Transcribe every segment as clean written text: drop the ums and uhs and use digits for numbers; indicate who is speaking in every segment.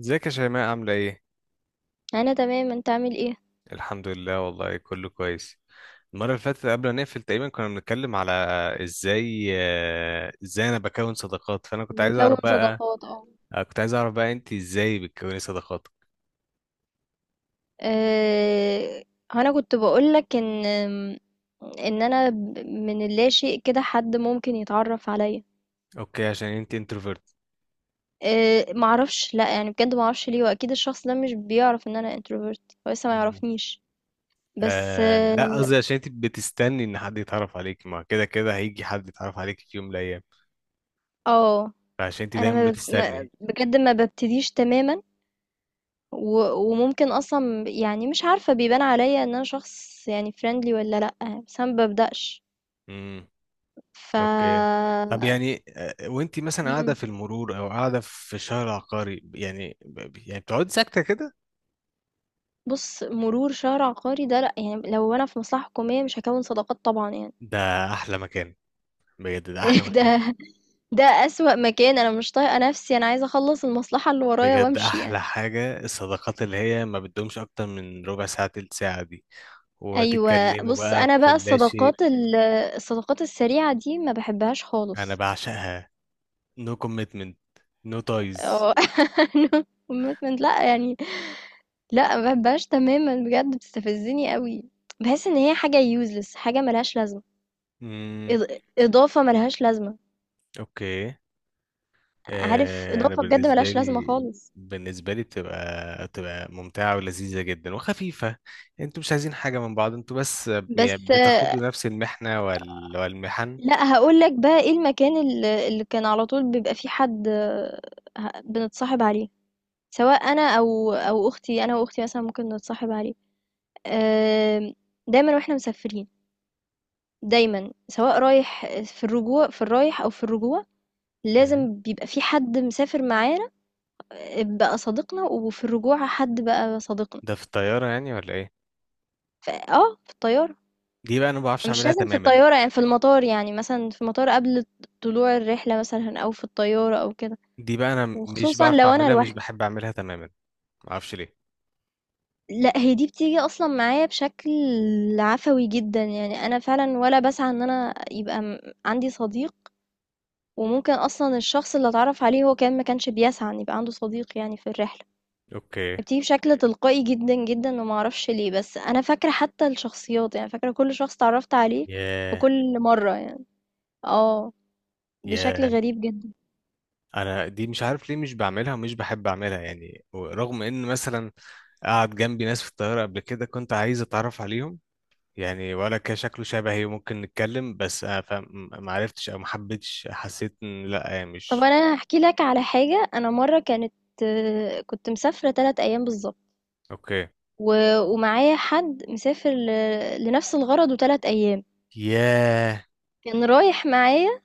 Speaker 1: ازيك يا شيماء، عاملة ايه؟
Speaker 2: انا تمام انت عامل ايه؟
Speaker 1: الحمد لله، والله كله كويس. المرة اللي فاتت قبل ما نقفل تقريبا كنا بنتكلم على ازاي انا بكون صداقات، فانا كنت عايز
Speaker 2: بنكون
Speaker 1: اعرف بقى.
Speaker 2: صداقات اه.
Speaker 1: كنت عايز اعرف بقى انت ازاي بتكوني صداقات.
Speaker 2: أه... انا كنت بقولك ان انا من اللاشيء كده حد ممكن يتعرف عليا.
Speaker 1: اوكي، عشان انت انتروفيرت.
Speaker 2: معرفش، لا يعني بجد معرفش ليه، واكيد الشخص ده مش بيعرف ان انا انتروفيرت، هو لسه ما يعرفنيش. بس
Speaker 1: آه لا،
Speaker 2: اه.
Speaker 1: قصدي عشان انت بتستني ان حد يتعرف عليك، ما كده كده هيجي حد يتعرف عليك في يوم من الايام،
Speaker 2: آه،
Speaker 1: فعشان انت
Speaker 2: انا
Speaker 1: دايما
Speaker 2: ما... ب- ما...
Speaker 1: بتستني.
Speaker 2: بجد ما ببتديش تماما. و... وممكن اصلا يعني مش عارفة بيبان عليا ان انا شخص يعني فريندلي ولا لا. بس انا ما ببدأش. ف.
Speaker 1: اوكي. طب يعني وانتي مثلا قاعده
Speaker 2: إمم.
Speaker 1: في المرور او قاعده في الشارع العقاري يعني، يعني بتقعدي ساكته كده.
Speaker 2: بُص، مرور شهر عقاري ده لأ، يعني لو أنا في مصلحة حكومية مش هاكوّن صداقات طبعًا يعني.
Speaker 1: ده احلى مكان. بجد ده احلى مكان.
Speaker 2: ده ده أسوأ مكان، أنا مش طايقة نَفْسي، أنا عايزة أخلّص المصلحة اللي ورايا
Speaker 1: بجد
Speaker 2: وأمشي يعني.
Speaker 1: احلى حاجه الصداقات اللي هي ما بتدومش اكتر من ربع ساعه تلت ساعه دي،
Speaker 2: أيوه،
Speaker 1: وتتكلموا
Speaker 2: بُص
Speaker 1: بقى
Speaker 2: أنا
Speaker 1: في
Speaker 2: بقى
Speaker 1: اللاشيء.
Speaker 2: الصداقات الصداقات السريعة دي ما باحبهاش
Speaker 1: انا
Speaker 2: خالص.
Speaker 1: بعشقها. نو كوميتمنت. نو تايز.
Speaker 2: آه، أنا commitment لأ، يعني لأ، ما باحبهاش تمامًا بجد بتستفزّني أوي. باحس إن هي حاجة useless، حاجة ما لهاش لازمة،
Speaker 1: امم.
Speaker 2: إض إضافة ما لهاش لازمة،
Speaker 1: اوكي.
Speaker 2: عارف
Speaker 1: انا
Speaker 2: إضافة بجد ما
Speaker 1: بالنسبه
Speaker 2: لهاش لازمة
Speaker 1: لي
Speaker 2: خالص.
Speaker 1: بالنسبه لي بتبقى ممتعه ولذيذه جدا وخفيفه. انتوا مش عايزين حاجه من بعض، انتوا بس يعني
Speaker 2: بس آه،
Speaker 1: بتاخدوا نفس المحنه والمحن.
Speaker 2: لا هقول لك بقى ايه المكان اللي كان على طول بيبقى فيه حد، بنتصاحب عليه، سواء انا او اختي، انا واختي مثلا ممكن نتصاحب عليه. آم، دايما واحنا مسافرين، دايما سواء رايح في الرجوع في الرايح او في الرجوع
Speaker 1: مم.
Speaker 2: لازم بيبقى في حد مسافر معانا، بقى صديقنا، وفي الرجوع حد بقى صديقنا.
Speaker 1: ده في الطياره يعني ولا ايه؟
Speaker 2: في الطيارة.
Speaker 1: دي بقى انا ما بعرفش
Speaker 2: مش
Speaker 1: اعملها
Speaker 2: لازم في
Speaker 1: تماما.
Speaker 2: الطيارة، يعني في المطار، يعني مثلا في المطار قبل طلوع الرحلة مثلا، أو في الطيارة أو كده.
Speaker 1: دي بقى انا مش
Speaker 2: وخصوصًا
Speaker 1: بعرف
Speaker 2: لو أنا
Speaker 1: اعملها، مش
Speaker 2: لوحدي،
Speaker 1: بحب اعملها تماما. ما اعرفش ليه.
Speaker 2: لأ هي دي بتيجي أصلًا معايا بشكل عفوي جدًا، يعني أنا فعلًا ولا باسعى إن أنا يبقى عندي صديق، وممكن أصلًا الشخص اللي أتعرّف عليه هو كمان ما كانش بيسعى إن يبقى عنده صديق يعني في الرحلة،
Speaker 1: اوكي.
Speaker 2: بتيجي بشكل تلقائي جدًا، جدًا، وما أعرفش ليه، بس أنا فاكرة حتى الشخصيات، يعني فاكرة كل شخص اتعرّفت عليه في
Speaker 1: ياه.
Speaker 2: كل مرّة يعني، آه، بشكل
Speaker 1: ياه.
Speaker 2: غريب جدًا.
Speaker 1: انا دي مش عارف ليه مش بعملها ومش بحب اعملها، يعني رغم ان مثلا قعد جنبي ناس في الطياره قبل كده كنت عايز اتعرف عليهم، يعني ولا كان شكله شبهي وممكن نتكلم، بس ما عرفتش او ما حبيتش، حسيت ان لا
Speaker 2: طَب
Speaker 1: مش.
Speaker 2: أنا هاحكي لك على حاجة، أنا مرّة كنت مسافرة 3 أيام بالضبط.
Speaker 1: اوكي.
Speaker 2: و ومعايا حد مسافر لنفس الغرض و3 أيام،
Speaker 1: ياه.
Speaker 2: كان رايح معايا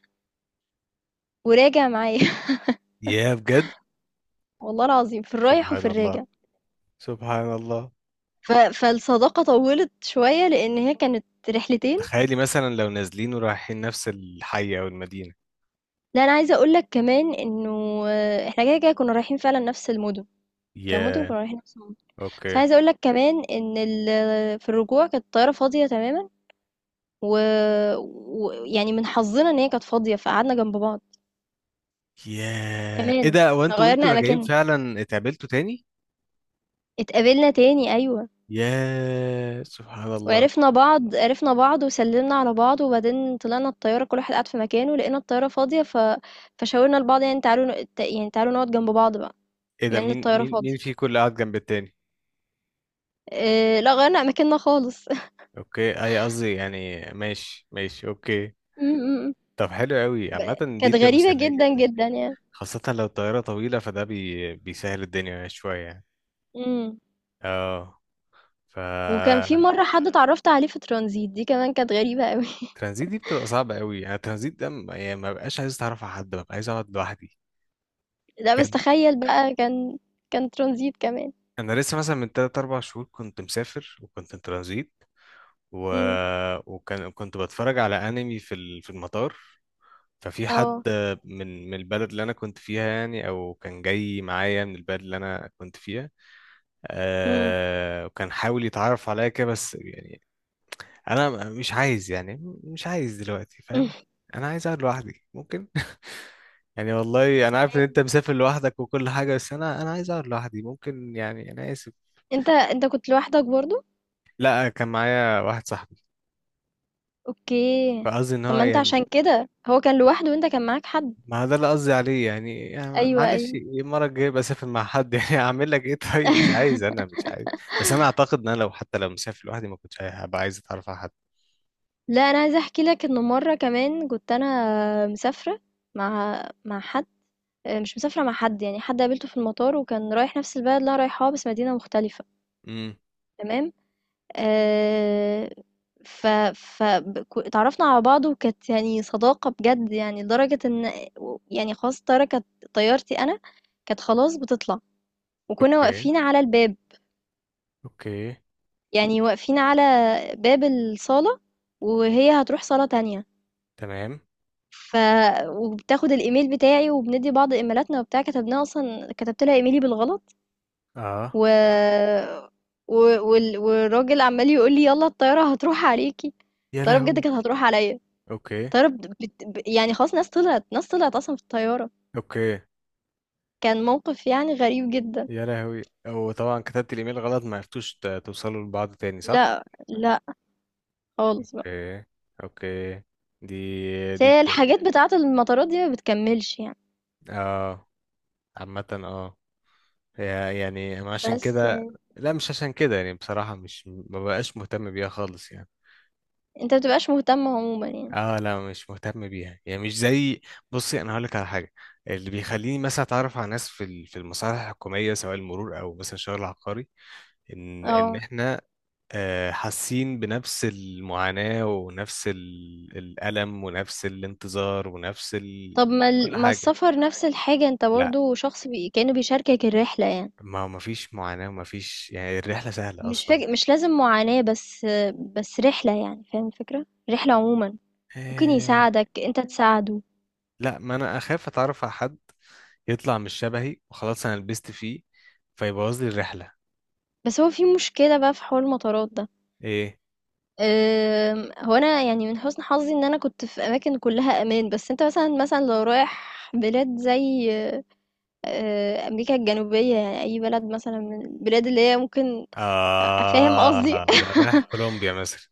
Speaker 2: وراجع معايا
Speaker 1: ياه، بجد.
Speaker 2: والله العظيم في الرايح
Speaker 1: سبحان
Speaker 2: وفي
Speaker 1: الله.
Speaker 2: الراجع،
Speaker 1: سبحان الله.
Speaker 2: ف فالصداقة طوّلت شوية لإن هي كانت رحلتين.
Speaker 1: تخيلي مثلا لو نازلين ورايحين نفس الحي او المدينة.
Speaker 2: لأ أنا عايزة أقول لك كمان إنه، إحنا كده، كده كنا رايحين فعلًا نفس المُدن، كمُدن
Speaker 1: ياه.
Speaker 2: كنا رايحين نفس المُدن، بس
Speaker 1: اوكي.
Speaker 2: عايزة أقول لك كمان إن في الرجوع كانت الطيارة فاضية تمامًا، و ويعني من حظنا إن هي كانت فاضية، فقعدنا جنب بعض،
Speaker 1: ياه، ايه
Speaker 2: كمان
Speaker 1: ده، هو انتوا وانتوا
Speaker 2: غيّرنا
Speaker 1: راجعين
Speaker 2: أماكننا،
Speaker 1: فعلا اتقابلتوا تاني؟
Speaker 2: اتقابلنا تاني أيوه.
Speaker 1: ياه، سبحان الله.
Speaker 2: وعرفنا بعض، عرفنا بعض وسلمنا على بعض، وبعدين طلعنا الطيارة كل واحد قعد في مكانه، لقينا الطيارة فاضية فشاورنا لبعض، يعني تعالوا يعني تعالوا نقعد جنب بعض بقى،
Speaker 1: ايه ده،
Speaker 2: من
Speaker 1: مين
Speaker 2: الطيارة
Speaker 1: مين مين
Speaker 2: فاضية.
Speaker 1: في كل قاعد جنب التاني؟
Speaker 2: لا غيرنا أماكننا خالص م-
Speaker 1: اوكي، اي قصدي يعني ماشي ماشي، اوكي.
Speaker 2: م- م.
Speaker 1: طب حلو قوي، عامة دي
Speaker 2: كانت
Speaker 1: تبقى
Speaker 2: غريبة
Speaker 1: مسلية
Speaker 2: جدا
Speaker 1: جدا.
Speaker 2: جدا يعني.
Speaker 1: خاصة لو الطيارة طويلة فده بيسهل الدنيا شوية يعني.
Speaker 2: امم.
Speaker 1: اه. ف
Speaker 2: وكان في مرة حد اتعرفت عليه في ترانزيت، دي كمان كانت غريبة قوي
Speaker 1: الترانزيت دي بتبقى صعبة قوي، انا الترانزيت ده يعني ما بقاش عايز اتعرف على حد، ببقى عايز اقعد لوحدي.
Speaker 2: لا بس
Speaker 1: كان
Speaker 2: تخيل بقى، كان ترانزيت كمان.
Speaker 1: انا لسه مثلا من 3 4 شهور كنت مسافر وكنت ترانزيت. و...
Speaker 2: امم.
Speaker 1: وكان كنت بتفرج على انمي في المطار. ففي حد
Speaker 2: اه.
Speaker 1: من البلد اللي انا كنت فيها، يعني او كان جاي معايا من البلد اللي انا كنت فيها.
Speaker 2: امم.
Speaker 1: وكان حاول يتعرف عليا كده، بس يعني انا مش عايز، يعني مش عايز دلوقتي، فاهم؟ انا عايز اقعد لوحدي ممكن. يعني والله انا عارف ان انت مسافر لوحدك وكل حاجه، بس انا عايز اقعد لوحدي ممكن، يعني انا اسف.
Speaker 2: انت كنت لوحدك برضو؟
Speaker 1: لا كان معايا واحد صاحبي،
Speaker 2: اوكي.
Speaker 1: فقصدي ان
Speaker 2: طب
Speaker 1: هو
Speaker 2: ما انت
Speaker 1: يعني
Speaker 2: عشان كده هو كان لوحده وانت كان معاك حد.
Speaker 1: ما ده اللي قصدي عليه يعني, يعني
Speaker 2: ايوه،
Speaker 1: معلش،
Speaker 2: ايوه.
Speaker 1: المره الجايه بسافر مع حد. يعني اعمل لك ايه، طيب؟ مش عايز، انا مش عايز. بس انا اعتقد ان انا حتى لو مسافر لوحدي ما كنتش هبقى عايز اتعرف على حد.
Speaker 2: لا انا عايزه احكي لك انه مره كمان كنت انا مسافره مع حد، مش مسافره مع حد، يعني حد قابلته في المطار وكان رايح نفس البلد اللي انا رايحاها بس مدينه مختلفه.
Speaker 1: امم.
Speaker 2: تمام. آه... ف اتعرفنا على بعض وكانت يعني صداقه بجد، يعني لدرجه ان، يعني خلاص طياره كانت طيارتي انا كانت خلاص بتطلع وكنا
Speaker 1: اوكي.
Speaker 2: واقفين على الباب،
Speaker 1: اوكي.
Speaker 2: يعني واقفين على باب الصالة وهي هتروح صالة تانية،
Speaker 1: تمام.
Speaker 2: ف وبتاخد الإيميل بتاعي وبندي بعض إيميلاتنا وبتاع، كتبناها أصلا، كتبت لها إيميلي بالغلط،
Speaker 1: اه.
Speaker 2: و... و... والراجل عمال يقول لي يلا الطيارة هتروح عليكي.
Speaker 1: يا
Speaker 2: الطيارة بجد
Speaker 1: لهوي.
Speaker 2: كانت هتروح عليا،
Speaker 1: اوكي.
Speaker 2: الطيارة يعني خلاص ناس طلعت، أصلا في الطيارة.
Speaker 1: اوكي.
Speaker 2: كان موقف يعني غريب جدا.
Speaker 1: يا لهوي، او طبعا كتبت الايميل غلط ما عرفتوش توصلوا لبعض تاني، صح؟
Speaker 2: لا، لا، خالص بقى.
Speaker 1: اوكي. اوكي. دي
Speaker 2: بس
Speaker 1: دي
Speaker 2: هي
Speaker 1: بت...
Speaker 2: الحاجات بتاعة المطارات دي ما بتكملش يعني.
Speaker 1: اه، عامة اه. يعني أنا عشان
Speaker 2: بس
Speaker 1: كده.
Speaker 2: يعني
Speaker 1: لا، مش عشان كده، يعني بصراحة مش ما بقاش مهتم بيها خالص يعني.
Speaker 2: انت مبتبقاش مهتم عموما يعني.
Speaker 1: اه، لا مش مهتم بيها، يعني مش زي. بصي، انا هقولك على حاجة. اللي بيخليني مثلا اتعرف على ناس في المصالح الحكومية سواء المرور او مثلا شغل عقاري، ان
Speaker 2: آه.
Speaker 1: احنا حاسين بنفس المعاناة ونفس الألم ونفس الانتظار ونفس
Speaker 2: طب ما
Speaker 1: كل
Speaker 2: ال ما
Speaker 1: حاجة.
Speaker 2: السفر نفس الحاجة، أنت
Speaker 1: لا،
Speaker 2: برضه شخص كأنه بيشاركك الرحلة يعني،
Speaker 1: ما فيش معاناة وما فيش، يعني الرحلة سهلة أصلا.
Speaker 2: مش لازم معاناة، بس بس رحلة يعني، فاهم الفكرة؟ رحلة عمومًا، ممكن
Speaker 1: آه،
Speaker 2: يساعدك، أنت تساعده.
Speaker 1: لا ما أنا أخاف أتعرف على حد يطلع مش شبهي، وخلاص أنا لبست فيه، فيبوظ لي الرحلة.
Speaker 2: بس هو في مشكلة بقى في حوار المطارات ده،
Speaker 1: إيه.
Speaker 2: أنا يعني من حسن حظي إن أنا كنت في أماكن كلها أمان، بس أنت مثلًا، لو رايح بلاد زي، أمريكا الجنوبية، يعني أي بلد مثلًا من البلاد اللي هي ممكن، فاهم
Speaker 1: آه
Speaker 2: قصدي؟ آه.
Speaker 1: لا، رايح كولومبيا مثلا.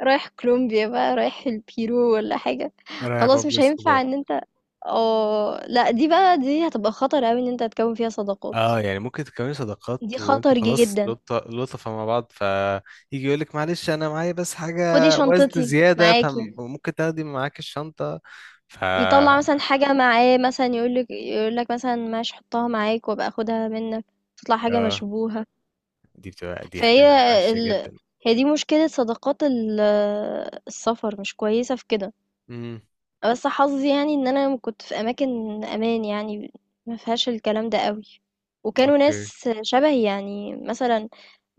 Speaker 2: رايح كولومبيا بقى، رايح البيرو ولا حاجة،
Speaker 1: رايح
Speaker 2: خلاص
Speaker 1: بابلو
Speaker 2: مش هينفع
Speaker 1: اسكوبار.
Speaker 2: ان انت، اه لا دي بقى، هتبقى خطر اوي ان انت تكون فيها صداقات.
Speaker 1: اه، يعني ممكن تكوني صداقات
Speaker 2: دي
Speaker 1: وانتوا
Speaker 2: خطر
Speaker 1: خلاص
Speaker 2: جدا،
Speaker 1: لطفة مع بعض، فيجي يقول لك معلش انا معايا بس حاجة
Speaker 2: خدي
Speaker 1: وزن
Speaker 2: شنطتي
Speaker 1: زيادة،
Speaker 2: معاكي.
Speaker 1: فممكن تاخدي معاك الشنطة. ف
Speaker 2: يطلع مثلا حاجة معاه مثلا، يقولك مثلا ماشي حطها معاك وابقى اخدها منك، تطلع حاجة
Speaker 1: اه.
Speaker 2: مشبوهة.
Speaker 1: دي بتبقى دي
Speaker 2: فهي
Speaker 1: هتبقى وحشة
Speaker 2: ال...
Speaker 1: جدا.
Speaker 2: هي دي مشكلة صداقات السفر، مش كويسة في كده.
Speaker 1: امم.
Speaker 2: بس حظي يعني ان انا كنت في اماكن امان يعني، ما فيهاش الكلام ده قوي، وكانوا
Speaker 1: اوكي.
Speaker 2: ناس شبهي، يعني مثلا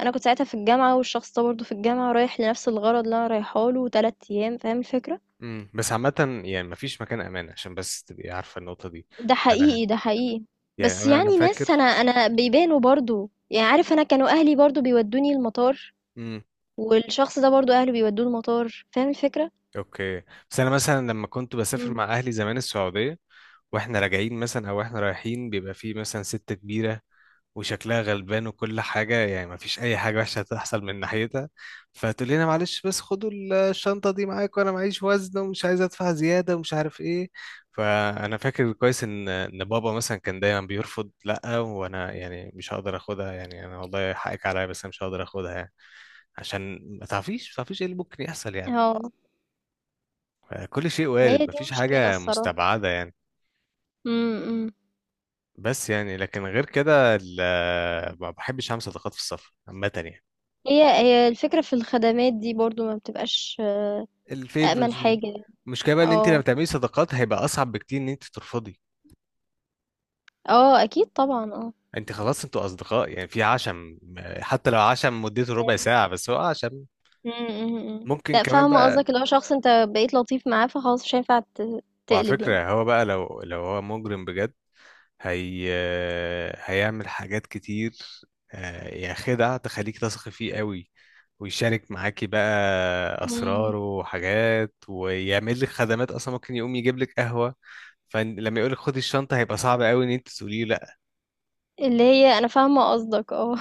Speaker 2: انا كنت ساعتها في الجامعه والشخص ده برضه في الجامعه رايح لنفس الغرض اللي انا رايحه له، 3 ايام، فاهم الفكره.
Speaker 1: امم، بس عامة يعني مفيش مكان امان، عشان بس تبقي عارفة النقطة دي.
Speaker 2: ده
Speaker 1: انا،
Speaker 2: حقيقي، ده حقيقي.
Speaker 1: يعني
Speaker 2: بس
Speaker 1: انا
Speaker 2: يعني ناس انا،
Speaker 1: فاكر.
Speaker 2: بيبانوا برضه، يعني عارف، انا كانوا اهلي برضه بيودوني المطار،
Speaker 1: امم.
Speaker 2: والشخص ده برضه اهله بيودوه المطار، فاهم الفكره.
Speaker 1: اوكي. بس انا مثلا لما كنت بسافر
Speaker 2: مم.
Speaker 1: مع اهلي زمان السعودية، واحنا راجعين مثلا او احنا رايحين، بيبقى فيه مثلا ست كبيرة وشكلها غلبان وكل حاجة، يعني مفيش أي حاجة وحشة هتحصل من ناحيتها، فتقول لنا معلش بس خدوا الشنطة دي معاك، وأنا معيش وزن ومش عايز أدفع زيادة ومش عارف إيه. فأنا فاكر كويس إن بابا مثلا كان دايما بيرفض، لأ وأنا يعني مش هقدر آخدها، يعني أنا والله حقك عليا بس أنا مش هقدر آخدها يعني، عشان ما تعرفيش، ما تعرفيش إيه اللي ممكن يحصل يعني.
Speaker 2: اه،
Speaker 1: كل شيء
Speaker 2: هي
Speaker 1: وارد،
Speaker 2: دي
Speaker 1: مفيش
Speaker 2: مشكله
Speaker 1: حاجة
Speaker 2: الصراحه.
Speaker 1: مستبعدة يعني.
Speaker 2: امم.
Speaker 1: بس يعني لكن غير كده ما بحبش أعمل صداقات في السفر عامة يعني.
Speaker 2: هي الفكرة في الخدمات دي برضو ما بتبقاش أأمن
Speaker 1: الفيفرز دي.
Speaker 2: حاجة يعني.
Speaker 1: المشكله بقى ان انت
Speaker 2: اه،
Speaker 1: لما تعملي صداقات هيبقى اصعب بكتير ان انت ترفضي.
Speaker 2: اه، أكيد طبعا، اه.
Speaker 1: انت خلاص انتوا اصدقاء يعني، في عشم. حتى لو عشم مدته ربع
Speaker 2: يعني-
Speaker 1: ساعه، بس هو عشم.
Speaker 2: م- م- م.
Speaker 1: ممكن
Speaker 2: لا
Speaker 1: كمان
Speaker 2: فاهمة
Speaker 1: بقى.
Speaker 2: قصدك، اللي هو شخص انت بقيت لطيف معاه فخلاص مش هينفع
Speaker 1: وعلى
Speaker 2: تقلب يعني.
Speaker 1: فكره هو بقى لو هو مجرم بجد، هي هيعمل حاجات كتير. يعني خدع تخليك تثقي فيه قوي، ويشارك معاكي بقى
Speaker 2: مم.
Speaker 1: اسراره وحاجات، ويعمل لك خدمات اصلا ممكن يقوم يجيب لك قهوه. فلما يقول لك خدي الشنطه هيبقى صعب قوي ان انت تقولي له.
Speaker 2: اللي هي انا فاهمة قصدك، اه.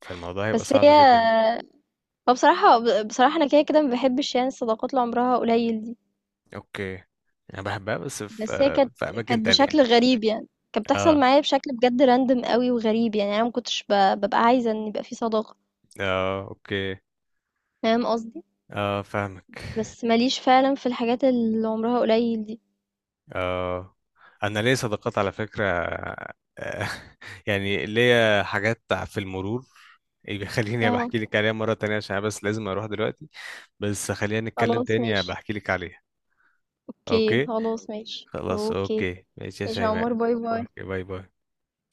Speaker 1: فالموضوع هيبقى
Speaker 2: بس هي،
Speaker 1: صعب جدا.
Speaker 2: هو بصراحة، بصراحة انا كده، كده ما بحبش يعني الصداقات اللي عمرها قليل دي.
Speaker 1: اوكي. انا بحبها، بس في
Speaker 2: بس هي
Speaker 1: آه،
Speaker 2: كانت
Speaker 1: في اماكن
Speaker 2: كانت
Speaker 1: تانية
Speaker 2: بشكل
Speaker 1: يعني.
Speaker 2: غريب يعني، كانت
Speaker 1: اه.
Speaker 2: بتحصل معايا بشكل بجد راندم قوي وغريب، يعني انا ما كنتش ببقى عايزة ان يبقى في صداقة،
Speaker 1: اه. اوكي.
Speaker 2: فاهم قصدي.
Speaker 1: اه، فاهمك.
Speaker 2: بس ما ليش فعلًا في الحاجات اللي عمرها قليل دي.
Speaker 1: اه. انا ليا صداقات على فكرة. آه، يعني ليا حاجات في المرور بيخليني
Speaker 2: آه،
Speaker 1: بحكي لك عليها مرة تانية، عشان أنا بس لازم اروح دلوقتي، بس خلينا نتكلم
Speaker 2: خلاص
Speaker 1: تاني
Speaker 2: ماشي،
Speaker 1: بحكي لك عليها.
Speaker 2: أوكي،
Speaker 1: اوكي.
Speaker 2: خلاص ماشي،
Speaker 1: خلاص
Speaker 2: أوكي،
Speaker 1: اوكي ماشي يا
Speaker 2: ماشي يا عمر،
Speaker 1: شيماء.
Speaker 2: باي، باي.
Speaker 1: اوكي باي باي.